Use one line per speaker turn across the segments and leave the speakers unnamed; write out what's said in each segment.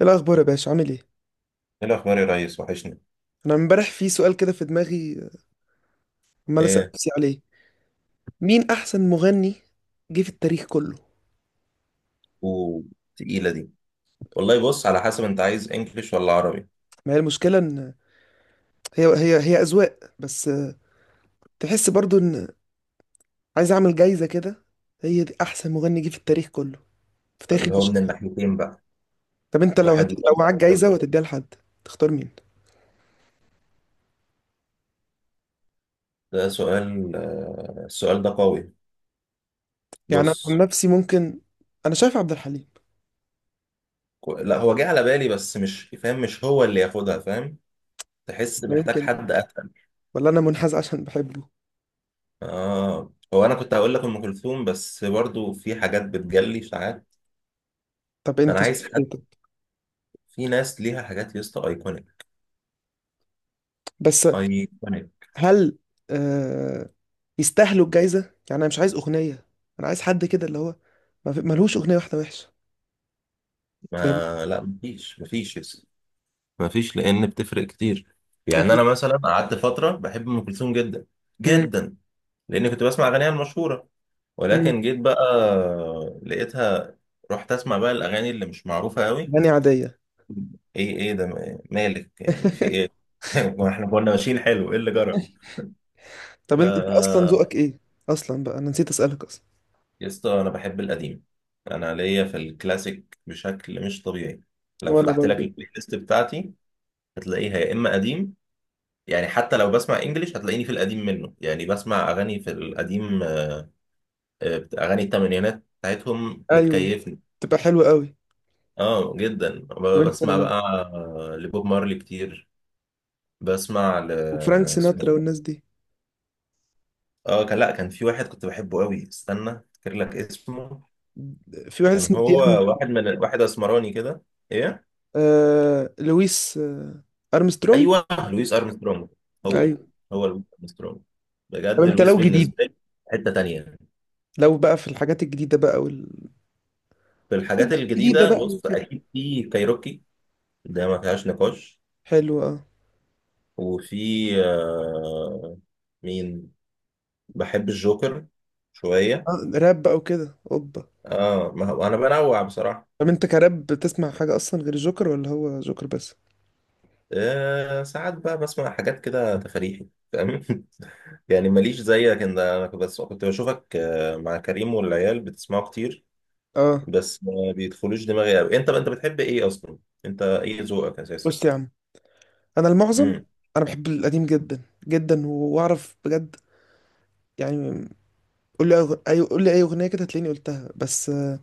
إيه الأخبار يا باشا عامل إيه؟
ايه الاخبار يا ريس. وحشني.
أنا امبارح في سؤال كده في دماغي، عمال أسأل
ايه؟
نفسي عليه: مين أحسن مغني جه في التاريخ كله؟
وتقيله دي. والله بص، على حسب انت عايز انجليش ولا عربي.
ما هي المشكلة إن هي أذواق بس، تحس برضو إن، عايز أعمل جايزة كده، هي دي أحسن مغني جه في التاريخ كله، في تاريخ
اللي هو من
البشرية.
الناحيتين بقى.
طب أنت لو
واحد
لو معاك
مودع كل،
جايزة وهتديها لحد، تختار مين؟
ده سؤال. السؤال ده قوي.
يعني أنا عن
بص.
نفسي ممكن، أنا شايف عبد الحليم.
لا، هو جه على بالي بس مش فاهم، مش هو اللي ياخدها، فاهم. تحس
لا
محتاج
يمكن،
حد اتقل.
ولا أنا منحاز عشان بحبه.
اه، هو انا كنت هقول لك ام كلثوم، بس برضو في حاجات بتجلي ساعات،
طب
فانا
أنت
عايز
شايف
حد.
إيه طب؟
في ناس ليها حاجات يا اسطى ايكونيك.
بس
ايكونيك.
هل آه، يستاهلوا الجايزه؟ يعني انا مش عايز اغنيه، انا عايز حد كده اللي هو ما في- ملهوش اغنيه واحده وحشه، فاهم؟
ما لا، مفيش، مفيش مفيش، لان بتفرق كتير.
انت.
يعني انا مثلا قعدت فتره بحب ام كلثوم جدا.
امم.
جدا، لان كنت بسمع اغانيها المشهوره،
امم.
ولكن جيت بقى لقيتها، رحت اسمع بقى الاغاني اللي مش معروفه قوي.
اغاني عاديه.
ايه؟ ايه ده؟ مالك، يعني في ايه؟ ما احنا كنا ماشيين حلو، ايه اللي جرى.
طب
ف
انت اصلا ذوقك ايه، اصلا بقى انا نسيت اسالك اصلا.
يا اسطى، انا بحب القديم. انا ليا في الكلاسيك بشكل مش طبيعي. لو
وانا
فتحت لك
برضو.
البلاي ليست بتاعتي هتلاقيها يا اما قديم، يعني حتى لو بسمع انجليش هتلاقيني في القديم منه. يعني بسمع اغاني في القديم. اغاني الثمانينات بتاعتهم
ايوه،
بتكيفني.
تبقى حلوه قوي.
اه جدا.
طب
بسمع
انت،
بقى لبوب مارلي كتير. بسمع
وفرانك
اسمه.
سيناترا والناس دي،
اه، كان، لا، كان في واحد كنت بحبه قوي، استنى افتكر لك اسمه.
في واحد
كان
اسمه
هو
ديان.
واحد من واحد اسمراني كده. ايه.
لويس ارمسترونج.
ايوه، لويس ارمسترونج. هو
ايوه.
هو لويس ارمسترونج.
طب
بجد
انت
لويس
لو جديد،
بالنسبه لي حته تانيه.
لو بقى في الحاجات الجديده بقى وال-،
في
الناس
الحاجات
بقى الجديده
الجديده،
بقى
بص
وكده.
اكيد في كايروكي، ده ما فيهاش نقاش.
حلو اه.
وفي، آه مين، بحب الجوكر شوية.
راب بقى وكده اوبا.
اه، ما هو انا بنوع بصراحة.
طب انت كراب بتسمع حاجة اصلا غير جوكر ولا هو جوكر بس؟
ساعات بقى بسمع حاجات كده تفريحي، فاهم. يعني ماليش زيك انت، انا بس كنت بشوفك مع كريم والعيال بتسمعوا كتير،
اه.
بس ما بيدخلوش دماغي قوي. انت بتحب ايه اصلا، انت ايه ذوقك اساسا.
بص يا عم، انا المعظم،
امم.
انا بحب القديم جدا جدا واعرف بجد. يعني قول لي اي قول لي اي اغنية كده هتلاقيني قلتها بس،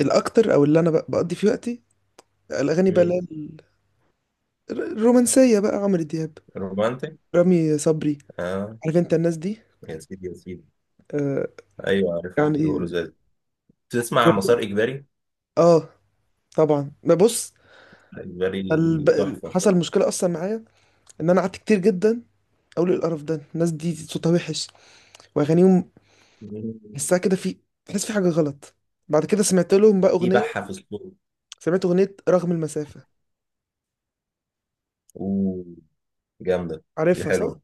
الاكتر او اللي انا بقضي فيه وقتي الاغاني بقى اللي هي
امم.
ال-، الرومانسية بقى: عمرو دياب،
رومانتك.
رامي صبري،
اه.
عارف انت الناس دي.
يا سيدي يا سيدي.
آه.
ايوه عارفهم، بيقولوا
يعني
زي. تسمع مسار
ور-
اجباري.
اه طبعا ما بص
اجباري،
الب...
تحفه.
حصل مشكلة اصلا معايا ان انا قعدت كتير جدا اقول ايه القرف ده، الناس دي صوتها وحش واغانيهم، تحسها كده في، تحس في حاجه غلط. بعد كده سمعت لهم بقى
في
اغنيه،
بحه في الصوت.
سمعت اغنيه رغم المسافه،
اوه، جامده. دي
عارفها صح؟
حلوه،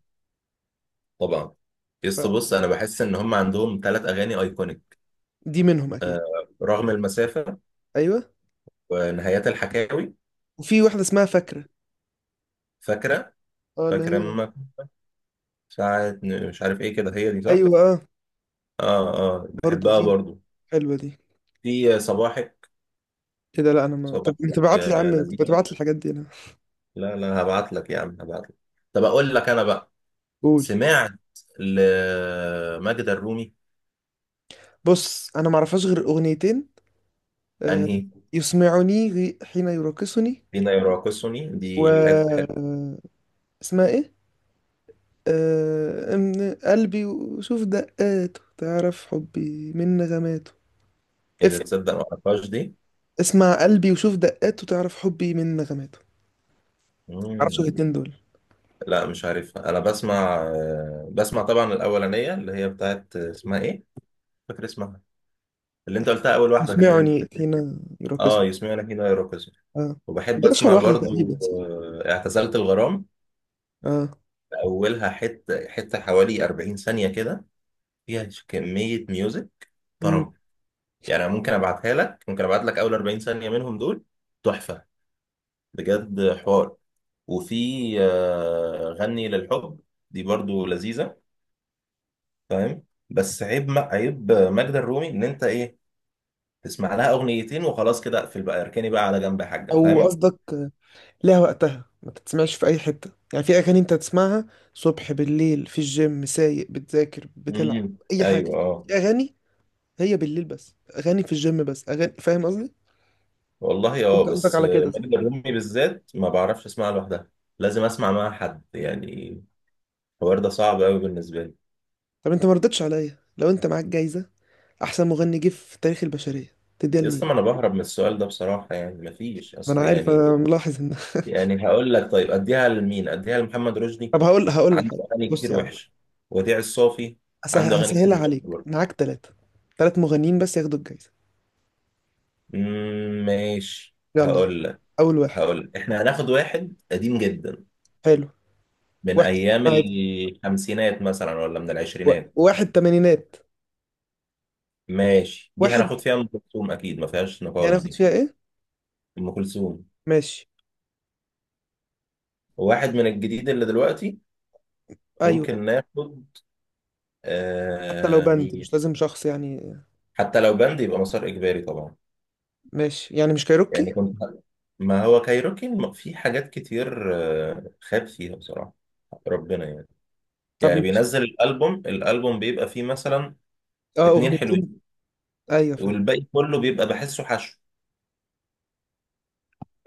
طبعا. يس، بص انا بحس ان هم عندهم ثلاث اغاني ايكونيك:
فدي منهم اكيد.
رغم المسافه،
ايوه.
ونهايات الحكاوي،
وفي واحده اسمها فاكره.
فاكره.
اه اللي
فاكره
هي،
امك، مش عارف ايه كده، هي دي صح.
ايوه اه.
اه. اه،
برضه
بحبها
دي،
برضو.
حلوه دي.
في صباحك.
ايه ده؟ لا انا ما طب
صباحك.
انت بعت لي يا عم، انت
لذيذه.
بتبعت لي الحاجات دي انا.
لا لا، هبعت لك يا عم، هبعت لك. طب اقول لك انا بقى،
قول.
سمعت لماجدة الرومي.
بص انا ما اعرفهاش غير اغنيتين. آه،
انهي؟
يسمعني حين يراقصني،
فينا يراقصني،
و
دي حلو حلو.
آه، اسمها ايه، من قلبي وشوف دقاته تعرف حبي من نغماته. اف.
إذا تصدق ما أعرفهاش دي.
اسمع قلبي وشوف دقاته تعرف حبي من نغماته. تعرفش
مم.
الاتنين دول؟
لا مش عارفها، أنا بسمع، بسمع طبعا الأولانية اللي هي بتاعت، اسمها إيه؟ مش فاكر اسمها. اللي أنت قلتها أول واحدة، كان إيه؟
اسمعني
كانت إيه؟
حين يراقصني.
يسمعنا فينا يراقصني.
اه.
وبحب
دي اشهر
أسمع
واحدة
برضو
تقريبا صح؟
اعتزلت الغرام.
اه.
أولها حتة حتة حوالي 40 ثانية كده، فيها كمية ميوزك
مم.
طرب. يعني أنا ممكن أبعت لك أول 40 ثانية منهم دول. تحفة، بجد حوار. وفي غني للحب، دي برضو لذيذة، فاهم. بس عيب ماجدة الرومي ان انت ايه، تسمع لها اغنيتين وخلاص كده، اقفل بقى، اركني بقى على جنب يا حاجة،
او
فاهم.
قصدك لها وقتها، ما تتسمعش في اي حتة. يعني في اغاني انت تسمعها صبح بالليل في الجيم سايق بتذاكر بتلعب
امم،
اي حاجة.
ايوه، اه.
في اغاني هي بالليل بس، اغاني في الجيم بس، اغاني، فاهم قصدي؟
والله
انت
اه،
قصدك
بس
على كده صح؟
ماجدة الرومي بالذات ما بعرفش اسمعها لوحدها، لازم اسمع معاها حد يعني. الحوار ده صعب قوي بالنسبة لي.
طب انت ما ردتش عليا، لو انت معاك جايزة احسن مغني جه في تاريخ البشرية تديها
اصلا ما
لمين؟
انا بهرب من السؤال ده بصراحة، يعني مفيش
ما انا
اصل،
عارف،
يعني.
انا ملاحظ ان.
يعني هقول لك طيب اديها لمين، اديها لمحمد رشدي،
طب هقول لك
عنده
حاجه.
اغاني
بص
كتير
يا عم،
وحشه. وديع الصافي عنده اغاني كتير
هسهلها
وحشه
عليك.
برضه.
معاك ثلاثه، ثلاث مغنيين بس ياخدوا الجايزه.
ماشي،
يلا،
هقول لك.
اول واحد.
احنا هناخد واحد قديم جدا،
حلو.
من
واحد
ايام
عادي،
الخمسينات مثلا، ولا من العشرينات.
واحد تمانينات.
ماشي، دي
واحد
هناخد فيها ام كلثوم، اكيد ما فيهاش
يعني
نقاش
اخد
دي.
فيها ايه؟
ام كلثوم.
ماشي.
واحد من الجديد اللي دلوقتي،
ايوه.
ممكن ناخد،
حتى لو بند
مين.
مش لازم شخص يعني.
حتى لو بند يبقى مسار اجباري طبعا.
ماشي يعني مش كايروكي.
يعني كنت، ما هو كايروكي في حاجات كتير خاب فيها بصراحة، ربنا يعني.
طب
يعني
ماشي.
بينزل الالبوم بيبقى فيه مثلا
اه
اتنين حلوين،
اغنيتين. ايوه فاهم.
والباقي كله بيبقى بحسه حشو.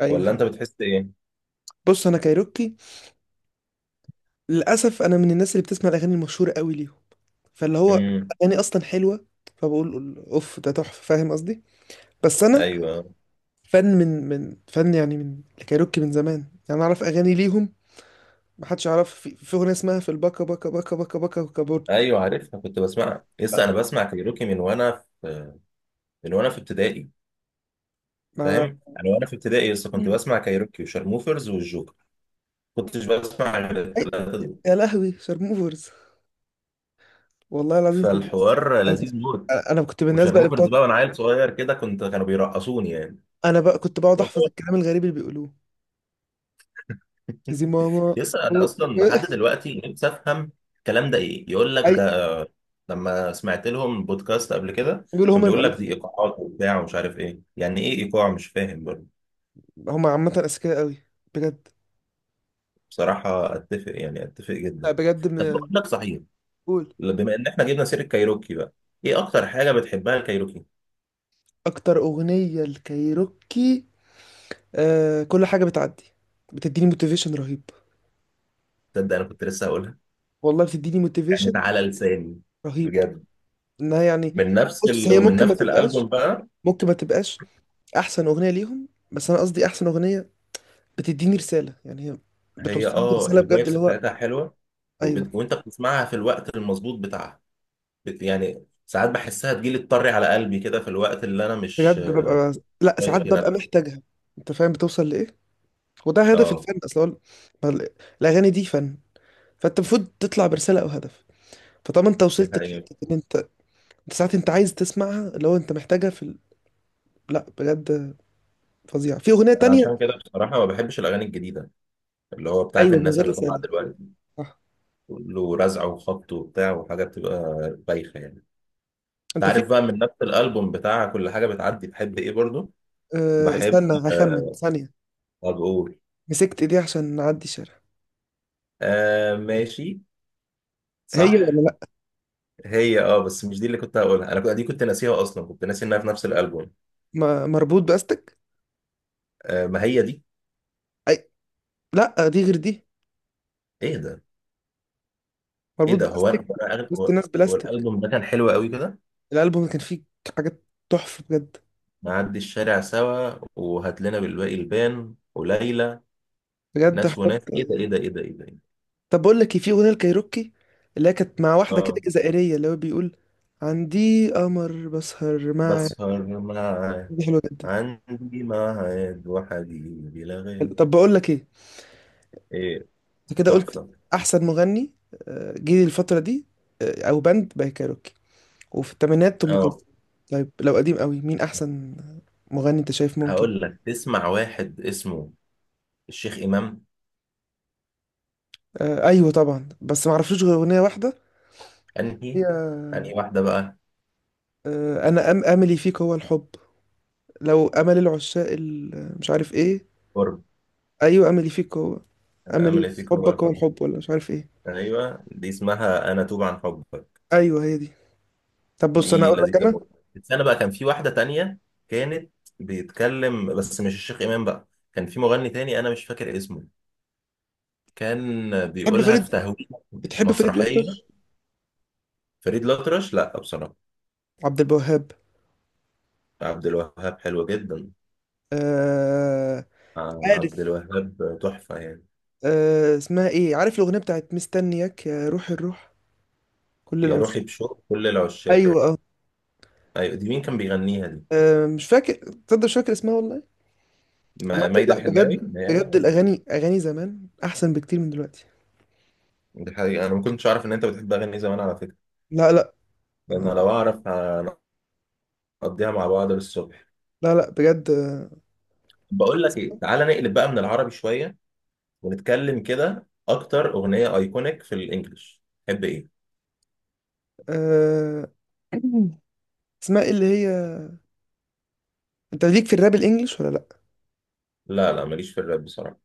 ايوه
ولا انت
فاهم.
بتحس ايه.
بص انا كايروكي للاسف، انا من الناس اللي بتسمع الاغاني المشهوره قوي ليهم، فاللي هو
امم.
اغاني اصلا حلوه، فبقول اوف ده تحفه، فاهم قصدي؟ بس انا
ايوه.
فن من فن يعني، من الكايروكي من زمان يعني، أنا اعرف اغاني ليهم. ما حدش يعرف في اغنيه اسمها في الباكا باكا باكا باكا باكا وكابورت.
ايوه عارفها، كنت بسمعها لسه، انا بسمع كايروكي في من وانا في ابتدائي،
مع.
فاهم. انا وانا في ابتدائي لسه كنت
مم.
بسمع كايروكي وشارموفرز والجوكر، كنتش بسمع غير
أي-.
الثلاثه دول.
يا لهوي شارموفرز، والله العظيم كنت بس،
فالحوار
انا كنت،
لذيذ موت.
أنا كنت من الناس بقى اللي
وشارموفرز
بتقعد،
بقى، وانا عيل صغير كده، كانوا بيرقصوني يعني.
انا بقى كنت بقعد احفظ
والله
الكلام الغريب اللي بيقولوه زي ماما.
لسه انا
أو-.
اصلا لحد دلوقتي نفسي افهم الكلام ده ايه، يقول لك
اي.
ده لما سمعت لهم بودكاست قبل كده،
بيقولوا
كان
هم
بيقول لك دي
المؤلفين.
ايقاعات وبتاع ومش عارف ايه. يعني ايه ايقاع؟ مش فاهم برضه.
هم عامه اذكياء قوي بجد.
بصراحة اتفق، يعني اتفق
لا
جدا.
بجد
طب بقول
من.
لك صحيح،
قول.
بما ان احنا جبنا سيرة كايروكي بقى، ايه اكتر حاجة بتحبها الكايروكي.
اكتر اغنيه الكايروكي آه كل حاجة بتعدي، بتديني موتيفيشن رهيب.
تصدق انا كنت لسه هقولها،
والله بتديني
يعني
موتيفيشن
تعالى لساني،
رهيب،
بجد.
انها يعني، بص هي
ومن
ممكن ما
نفس
تبقاش
الالبوم بقى،
ممكن ما تبقاش احسن اغنية ليهم، بس انا قصدي احسن اغنية بتديني رسالة، يعني هي
هي
بتوصلني رسالة بجد
الفايبس
اللي هو.
بتاعتها حلوة.
ايوه.
وانت بتسمعها في الوقت المظبوط بتاعها، يعني ساعات بحسها تجيلي، تطري على قلبي كده في الوقت اللي انا مش
بجد ببقى. لا ساعات
طايق فيه.
ببقى محتاجها. انت فاهم بتوصل لايه؟ وده هدف
اه،
الفن اصلا هو ال-، ما ال-، الاغاني دي فن، فانت المفروض تطلع برسالة او هدف. فطالما انت
دي
وصلت
حقيقة.
لحتة ان انت، انت ساعات انت عايز تسمعها اللي هو انت محتاجها في ال... لا بجد فظيع. في أغنية
انا عشان
تانية.
كده بصراحة ما بحبش الاغاني الجديدة، اللي هو بتاعت
أيوة من
الناس
غير
اللي طالعة
رسالة،
دلوقتي،
صح.
كله رزع وخبط وبتاع، وحاجة بتبقى بايخة يعني. انت
أنت في،
عارف بقى، من نفس الالبوم بتاع كل حاجة بتعدي، بحب ايه برضو؟
أه
بحب
استنى هخمن
آه
ثانية.
بقول.
مسكت إيديها عشان نعدي الشارع.
ماشي.
هي
صح،
ولا لأ؟
هي اه، بس مش دي اللي كنت هقولها، انا كنت دي، كنت ناسيها اصلا، كنت ناسي انها في نفس الالبوم.
مربوط بأستك.
ما هي دي.
أي. لأ دي غير دي.
ايه ده؟ ايه
مربوط
ده؟ هو انا
بأستك.
هو أنا أغل-
وسط
هو،
ناس
هو
بلاستيك.
الالبوم ده كان حلو قوي كده.
الألبوم كان فيه حاجات تحفة بجد.
نعدي الشارع سوا، وهات لنا بالباقي البان وليلى،
بجد
ناس
حاجات
وناس، ايه ده
آه.
ايه ده ايه ده ايه ده إيه ده؟
طب بقول لك إيه، في أغنية الكايروكي اللي هي كانت مع واحدة كده
اه،
جزائرية اللي هو بيقول: عندي قمر بسهر مع.
بسهر معاه،
دي حلوة جدا.
عندي ميعاد وحبيبي لا
حلو.
غير.
طب بقول لك إيه،
ايه،
انت كده قلت
تحفة.
احسن مغني جه الفتره دي، او باند بقى كايروكي، وفي الثمانينات ام
اه،
كلثوم. طيب لو قديم قوي مين احسن مغني انت شايف ممكن؟
هقول لك تسمع واحد اسمه الشيخ إمام.
ايوه طبعا بس ما اعرفلوش غير اغنيه واحده.
انهي؟ انهي
هي
واحدة بقى.
انا أم املي فيك هو الحب، لو امل العشاق ال-، مش عارف ايه.
قرب،
ايوه املي فيك هو،
انا
املي
امل
في
فيك هو
حبك هو
الحب.
الحب ولا مش عارف ايه.
ايوه، دي اسمها انا توب عن حبك.
ايوه هي دي. طب بص انا
دي
اقول لك
لذيذة
انا.
برضه. بس أنا بقى كان في واحدة تانية، كانت بيتكلم بس مش الشيخ إمام بقى، كان في مغني تاني أنا مش فاكر اسمه، كان
بتحب
بيقولها في
فريد
تهويه
بتحب فريد
مسرحية.
الاطرش؟
فريد الأطرش لا بصراحة.
عبد الوهاب.
عبد الوهاب حلو جدا.
آه...
عبد
عارف
الوهاب تحفة يعني.
اسمها ايه عارف الاغنيه بتاعت مستنياك يا روح الروح كل
يا روحي
العشاق.
بشوق كل العشاق.
ايوه اه.
أيوة، دي مين كان بيغنيها دي؟
مش فاكر، تصدق مش فاكر اسمها والله. عامة
مايدة
لا
الحناوي
بجد
هي ده
بجد
ولا؟
الاغاني اغاني زمان احسن بكتير من دلوقتي.
دي حقيقة. أنا ما كنتش أعرف إن أنت بتحب أغني زمان على فكرة،
لا لا.
لأن
آه،
لو أعرف هنقضيها مع بعض للصبح.
لا لا بجد
بقول لك ايه، تعالى نقلب بقى من العربي شويه، ونتكلم كده، اكتر اغنيه ايكونيك في الانجليش تحب ايه؟
آه، اسمها ايه اللي هي، انت ليك في الراب الانجليش ولا لا؟
لا لا، ماليش في الراب بصراحه.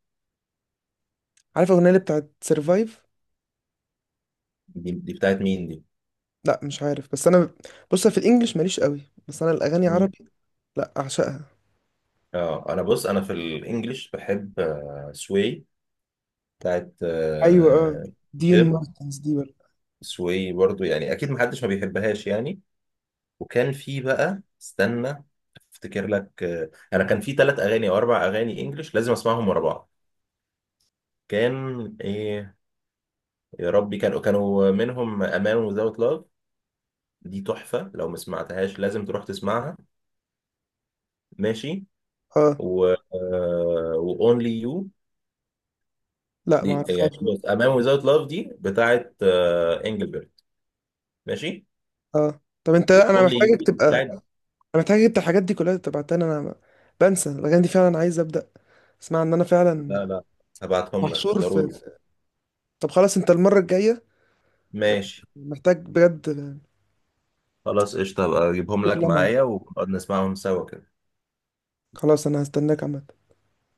عارف الاغنيه اللي بتاعت سرفايف؟
دي بتاعت مين دي؟
لا مش عارف، بس انا، بص في الانجليش ماليش قوي، بس انا الاغاني
مم.
عربي لا اعشقها.
اه، انا بص انا في الانجليش بحب سوي، بتاعت
ايوه اه. دين
جيل.
مارتنز دي ولا؟
سوي برضو يعني اكيد محدش ما بيحبهاش يعني. وكان في بقى، استنى افتكر لك، انا كان في ثلاث اغاني او اربع اغاني انجليش لازم اسمعهم ورا بعض. كان ايه؟ يا ربي، كانوا منهم امان وذاوت لاف، دي تحفة، لو ما سمعتهاش لازم تروح تسمعها. ماشي.
اه.
و Only You.
لا ما
دي يعني،
اعرفهاش.
بص، A Man Without Love دي بتاعت انجلبرت. ماشي.
اه طب انت،
و
انا
Only You
محتاجك
دي
تبقى
بتاعت.
انا محتاجك انت الحاجات دي كلها تبعتها لي، انا بنسى الاغاني دي فعلا، عايز ابدا اسمع ان انا فعلا
لا لا، هبعتهم لك
محشور في
ضروري.
طب خلاص انت المره الجايه،
ماشي،
محتاج بجد،
خلاص قشطة، هبقى اجيبهم لك
كلها معاك،
معايا ونقعد نسمعهم سوا كده.
خلاص انا هستناك عامه.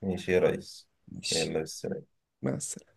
ماشي يا ريس.
ماشي.
يلا بس.
مع السلامه.